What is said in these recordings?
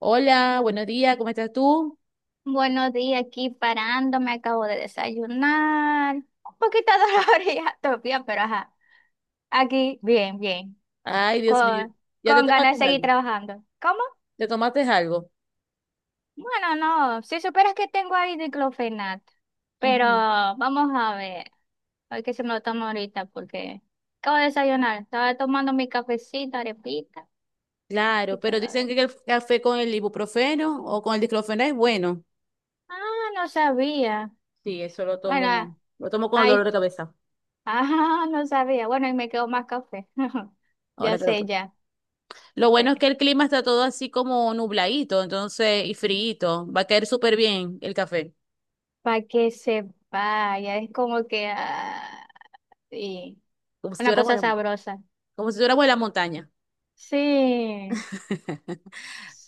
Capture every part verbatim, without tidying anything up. Hola, buenos días, ¿cómo estás tú? Buenos días, aquí parando, me acabo de desayunar. Un poquito dolorida todavía, pero ajá, aquí bien, bien, Ay, Dios mío, con, ya te con tomaste ganas de seguir algo, trabajando. ¿Cómo? te tomaste algo. Bueno, no, si supieras que tengo ahí diclofenato, pero Ujú. vamos a ver, a ver qué se me lo tomo ahorita porque acabo de desayunar, estaba tomando mi cafecito, arepita Claro, y pero dicen todavía. que el café con el ibuprofeno o con el diclofenac es bueno. Ah, no sabía. Sí, eso lo Bueno, tomo, lo tomo con el dolor ahí, de cabeza. ah, no sabía. Bueno, y me quedó más café. Ya Ahora te lo sé, tomo. ya. Lo bueno es que el clima está todo así como nubladito, entonces, y friito. Va a caer súper bien el café, Para que se vaya, es como que ah, y como si una estuviéramos cosa en la- sabrosa. como si estuviéramos en la montaña. Sí,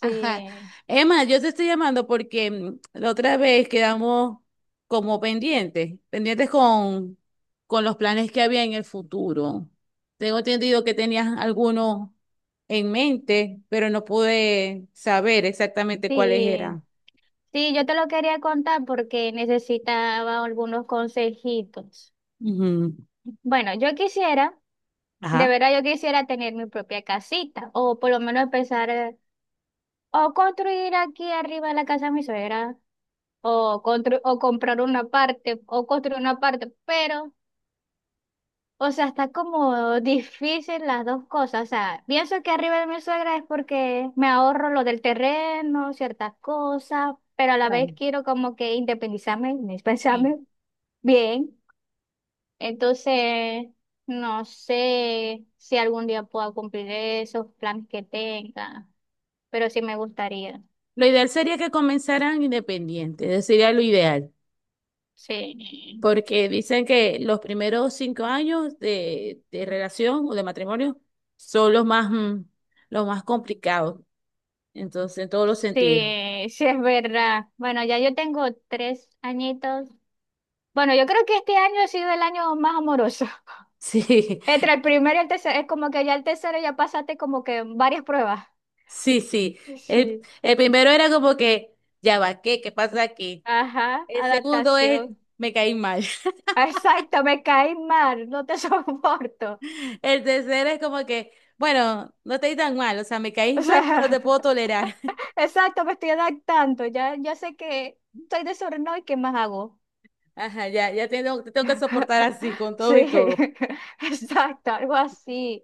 Ajá. Emma, yo te estoy llamando porque mm, la otra vez quedamos como pendientes, pendientes con, con los planes que había en el futuro. Tengo entendido que tenías algunos en mente, pero no pude saber exactamente cuáles sí, eran. sí, yo te lo quería contar porque necesitaba algunos consejitos. Ujú. Bueno, yo quisiera, de Ajá. verdad yo quisiera tener mi propia casita o por lo menos empezar eh, o construir aquí arriba la casa de mi suegra o, constru- o comprar una parte o construir una parte, pero... O sea, está como difícil las dos cosas. O sea, pienso que arriba de mi suegra es porque me ahorro lo del terreno, ciertas cosas, pero a la vez Claro, quiero como que independizarme, sí. independizarme bien. Entonces, no sé si algún día pueda cumplir esos planes que tenga, pero sí me gustaría. Lo ideal sería que comenzaran independientes, ese sería lo ideal. Sí, Porque dicen que los primeros cinco años de, de relación o de matrimonio son los más, mm, los más complicados, entonces, en todos los sentidos. sí, sí es verdad. Bueno, ya yo tengo tres añitos. Bueno, yo creo que este año ha sido el año más amoroso. Sí, Entre el primero y el tercero, es como que ya el tercero ya pasaste como que varias pruebas. sí, sí. El, Sí. el primero era como que, ya va, ¿qué? ¿Qué pasa aquí? Ajá, El segundo es, adaptación. me caí mal. Exacto, me caí mal, no te soporto. El tercero es como que, bueno, no te di tan mal, o sea, me caís O mal, sea, pero te puedo tolerar. exacto, me estoy adaptando. Ya, ya sé que soy desordenado y qué más hago. Ajá, ya, ya tengo, te tengo que soportar así, con todo Sí, y todo. exacto, algo así.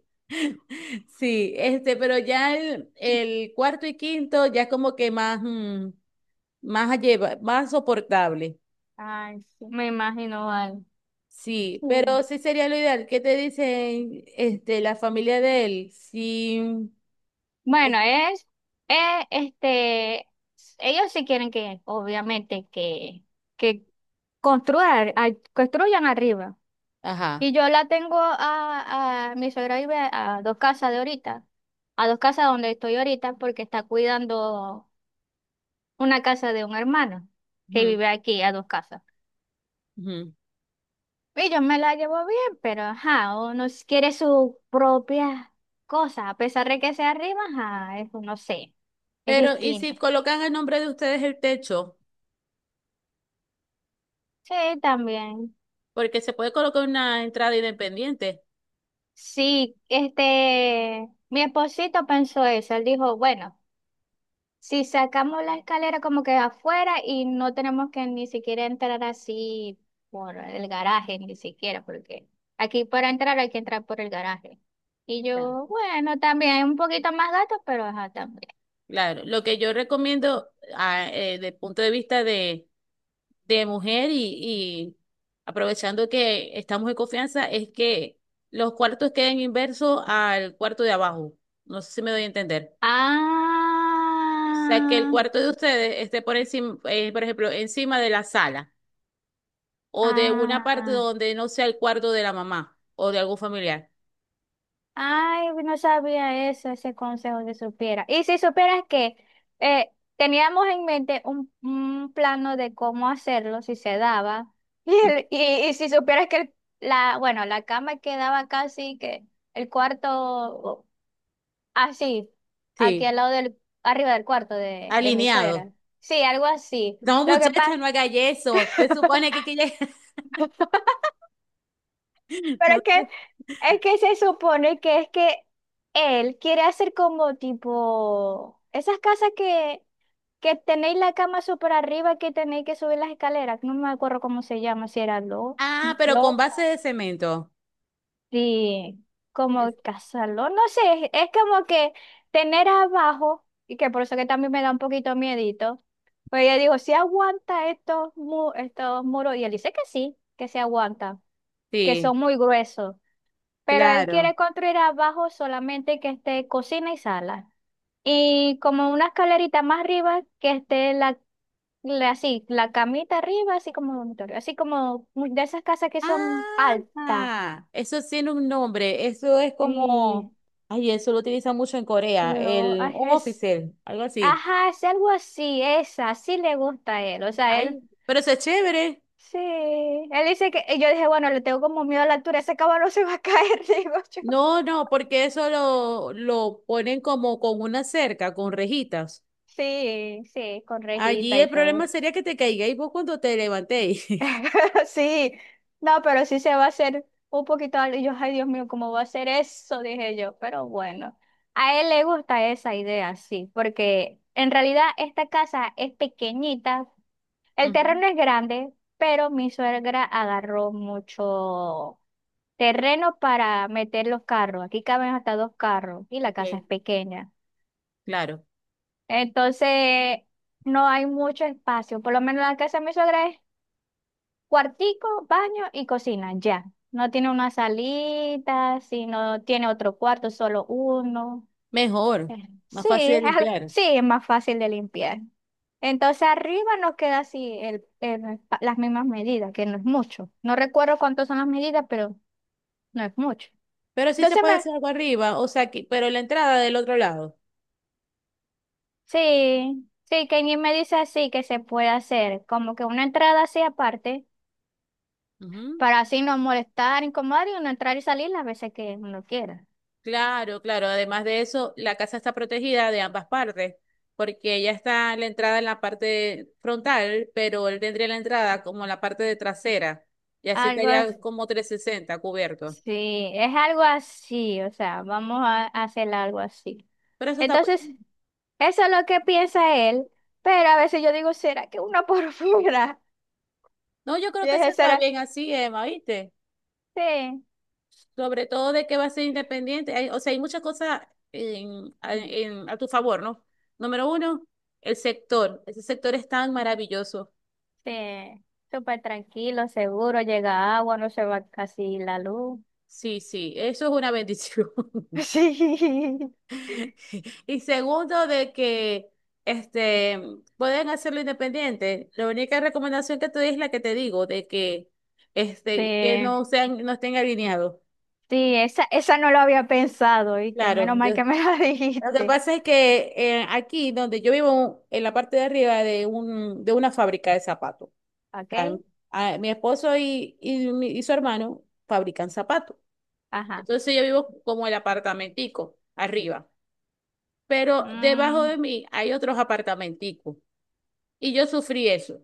Sí, este, pero ya el, el cuarto y quinto ya es como que más, mm, más a lleva- más soportable. Ay, sí. Me imagino mal. Sí, Sí. pero sí sería lo ideal. ¿Qué te dicen, este, la familia de él? Sí, es- Bueno, es, eh, este, ellos sí quieren que, obviamente, que, que Construir, a- construyan arriba. ajá. Y yo la tengo a, a mi suegra vive a dos casas de ahorita, a dos casas donde estoy ahorita, porque está cuidando una casa de un hermano que vive aquí a dos casas. Ujú, ujú. Y yo me la llevo bien, pero ajá, uno s- quiere su propia cosa, a pesar de que sea arriba, ajá, es, no sé, es Pero, ¿y si distinto. colocan el nombre de ustedes el techo? Sí, también. Porque se puede colocar una entrada independiente. Sí, este, mi esposito pensó eso, él dijo, bueno. Si sacamos la escalera como que afuera y no tenemos que ni siquiera entrar así por el garaje, ni siquiera, porque aquí para entrar hay que entrar por el garaje. Y Ya. yo, bueno, también un poquito más gato, pero ajá, también. Claro, lo que yo recomiendo desde el punto de vista de de mujer y, y aprovechando que estamos en confianza, es que los cuartos queden inversos al cuarto de abajo. No sé si me doy a entender. O sea, que el Ah, cuarto de ustedes esté por encima, eh, por ejemplo, encima de la sala o de una parte ah. donde no sea el cuarto de la mamá o de algún familiar. Ay, no sabía eso, ese consejo que supiera. Y si supieras que eh, teníamos en mente un, un plano de cómo hacerlo, si se daba. Y, el- y, y si supieras que el- la, bueno, la cama quedaba casi que el cuarto así, aquí Sí, al lado del, arriba del cuarto de, de mi alineado. suegra. Sí, algo así. No, Lo que muchachas, pasa. no haga eso. Se supone que, que ya- Pero No es que, sé. es que se supone que es que él quiere hacer como tipo esas casas que, que tenéis la cama súper arriba que tenéis que subir las escaleras. No me acuerdo cómo se llama, si era lo, Ah, pero con lo, base de cemento. sí, como Es- casarlo. No sé, es, es como que tener abajo, y que por eso que también me da un poquito miedito. Pues yo digo si aguanta estos, mu- estos muros? Y él dice que sí, que se aguanta, que Sí, son muy gruesos pero él claro. quiere construir abajo solamente que esté cocina y sala. Y como una escalerita más arriba que esté la, la- así, la camita arriba, así como dormitorio, así como mu- de esas casas que son altas. Ah, eso tiene un nombre. Eso es Y como, ay, eso lo utilizan mucho en Corea, lo el ay, un es, oficial, algo así. ajá, es algo así, esa, sí le gusta a él. O sea, él Ay, pero eso es chévere. sí, él dice que, y yo dije, bueno, le tengo como miedo a la altura, ese cabrón no se va a caer, digo yo. No, no, porque eso lo, lo ponen como con una cerca, con rejitas. Sí, sí, con Allí rejita y el todo. problema sería que te caigáis vos cuando te levantéis. Sí, no, pero sí se va a hacer un poquito algo. Y yo, ay, Dios mío, ¿cómo va a hacer eso? Dije yo, pero bueno, a él le gusta esa idea, sí, porque en realidad esta casa es pequeñita, el Ujú, terreno es grande, pero mi suegra agarró mucho terreno para meter los carros. Aquí caben hasta dos carros y la ok, casa es pequeña. claro. Entonces, no hay mucho espacio, por lo menos la casa de mi suegra es Cuartico, baño y cocina, ya. No tiene una salita, si no tiene otro cuarto, solo uno. Mejor, Eh, más Sí, fácil de es al- limpiar. sí, es más fácil de limpiar. Entonces arriba nos queda así el, el pa- las mismas medidas, que no es mucho. No recuerdo cuántas son las medidas, pero no es mucho. Pero sí se Entonces puede me, hacer algo arriba, o sea, que- pero la entrada del otro lado. sí, sí, Kenny me dice así que se puede hacer, como que una entrada así aparte, para así no molestar, incomodar y uno entrar y salir las veces que uno quiera. Claro, claro. Además de eso, la casa está protegida de ambas partes, porque ella está la entrada en la parte frontal, pero él tendría la entrada como la parte de trasera, y así Algo así. estaría como trescientos sesenta cubierto. Sí, es algo así, o sea, vamos a hacer algo así. Pero eso está muy Entonces, bien. eso es lo que piensa él, pero a veces yo digo, ¿será que una por fuera? No, yo Y creo que eso dije, está ¿será? bien así, Emma, ¿viste? Sí, Sobre todo de que va a ser independiente. Hay- o sea, hay muchas cosas en- a en- a tu favor, ¿no? Número uno, el sector. Ese sector es tan maravilloso. sí, súper tranquilo, seguro, llega agua, no se va casi la luz. Sí, sí, eso es una bendición. Sí, Y segundo, de que este, pueden hacerlo independiente. La única recomendación que te doy es la que te digo, de que, este, que sí, no sean, no estén alineados. sí, esa, esa no lo había pensado, ¿viste? Claro, Menos mal yo- que me la lo que dijiste, pasa es que eh, aquí donde yo vivo, en la parte de arriba de un, de una fábrica de zapatos, tan- ¿ok? ah, mi esposo y, y, mi- y su hermano fabrican zapatos. Ajá, Entonces yo vivo como el apartamentico, arriba. Pero debajo de mm, mí hay otros apartamenticos. Y yo sufrí eso.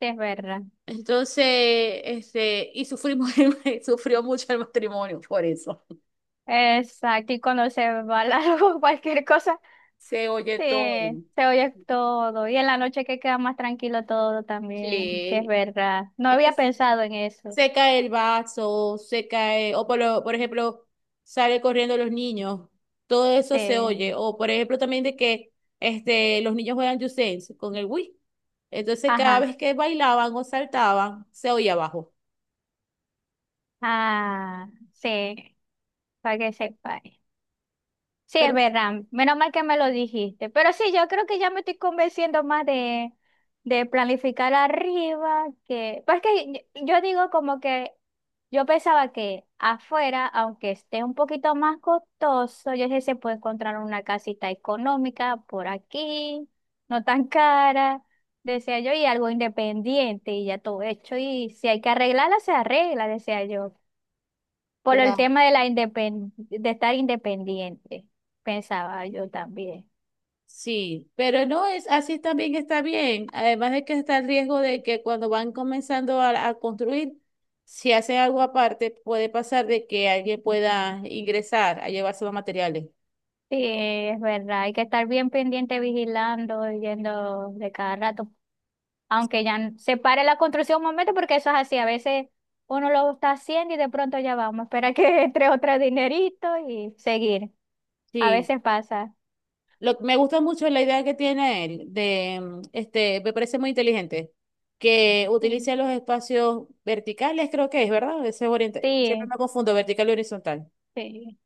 sí, es verdad. Entonces, este, y sufrimos, sufrió mucho el matrimonio por eso. Exacto, y cuando se va la luz, cualquier cosa. Se oye Sí, todo. se oye todo. Y en la noche que queda más tranquilo todo también. Sí, es Sí. verdad. No había Entonces, pensado en eso. se cae el vaso, se cae, o por, lo- por ejemplo, sale corriendo los niños. Todo eso se Sí. oye. O por ejemplo, también de que este, los niños juegan Just Dance con el Wii. Entonces, cada Ajá. vez que bailaban o saltaban, se oía abajo. Ah, sí. Para que sepa. Sí, Pero, es verdad. Menos mal que me lo dijiste. Pero sí, yo creo que ya me estoy convenciendo más de, de planificar arriba que... Pues que yo yo digo como que yo pensaba que afuera, aunque esté un poquito más costoso, yo dije, se puede encontrar una casita económica por aquí, no tan cara, decía yo, y algo independiente y ya todo hecho. Y si hay que arreglarla, se arregla, decía yo. Por el tema de la independ- de estar independiente, pensaba yo también. sí, pero no es así también está bien. Además de que está el riesgo de que cuando van comenzando a, a construir, si hacen algo aparte, puede pasar de que alguien pueda ingresar a llevarse los materiales. Sí, es verdad, hay que estar bien pendiente, vigilando, yendo de cada rato, aunque ya n- se pare la construcción un momento, porque eso es así, a veces uno lo está haciendo y de pronto ya vamos, espera que entre otro dinerito y seguir. A Sí, veces pasa. lo, me gusta mucho la idea que tiene él de, mm, este, me parece muy inteligente que Mm. utilice los espacios verticales, creo que es, ¿verdad? Ese es orienta- Siempre Sí, me confundo vertical y horizontal. sí.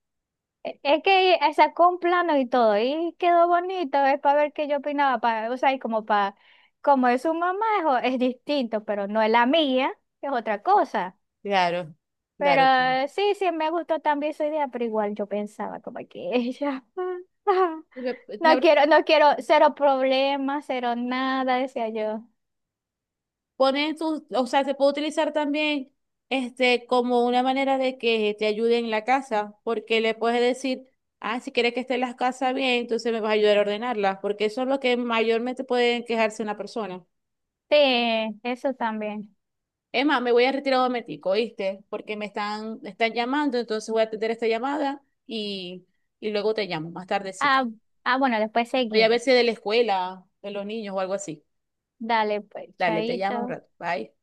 E- Es que eh, sacó un plano y todo, y quedó bonito, es para ver qué yo opinaba, para, o sea, y como para, como es su mamá, es, o- es distinto, pero no es la mía, es otra cosa. Claro, Pero claro. eh, sí, sí, me gustó también su idea, pero igual yo pensaba como que ella, Sí, Me, me no quiero, no quiero, cero problemas, cero nada, decía yo. pones tus, o sea, se puede utilizar también este como una manera de que te ayude en la casa, porque le puedes decir, ah, si quieres que esté las casas bien, entonces me vas a ayudar a ordenarlas, porque eso es lo que mayormente puede quejarse una persona. Sí, eso también. Emma, me voy a retirar un momentico, ¿oíste? Porque me están, me están llamando, entonces voy a atender esta llamada y, y luego te llamo, más tardecita. Ah, ah, bueno, después Voy a ver si es seguimos. de la escuela, de los niños o algo así. Dale, pues, Dale, te llamo un chaito. rato. Bye.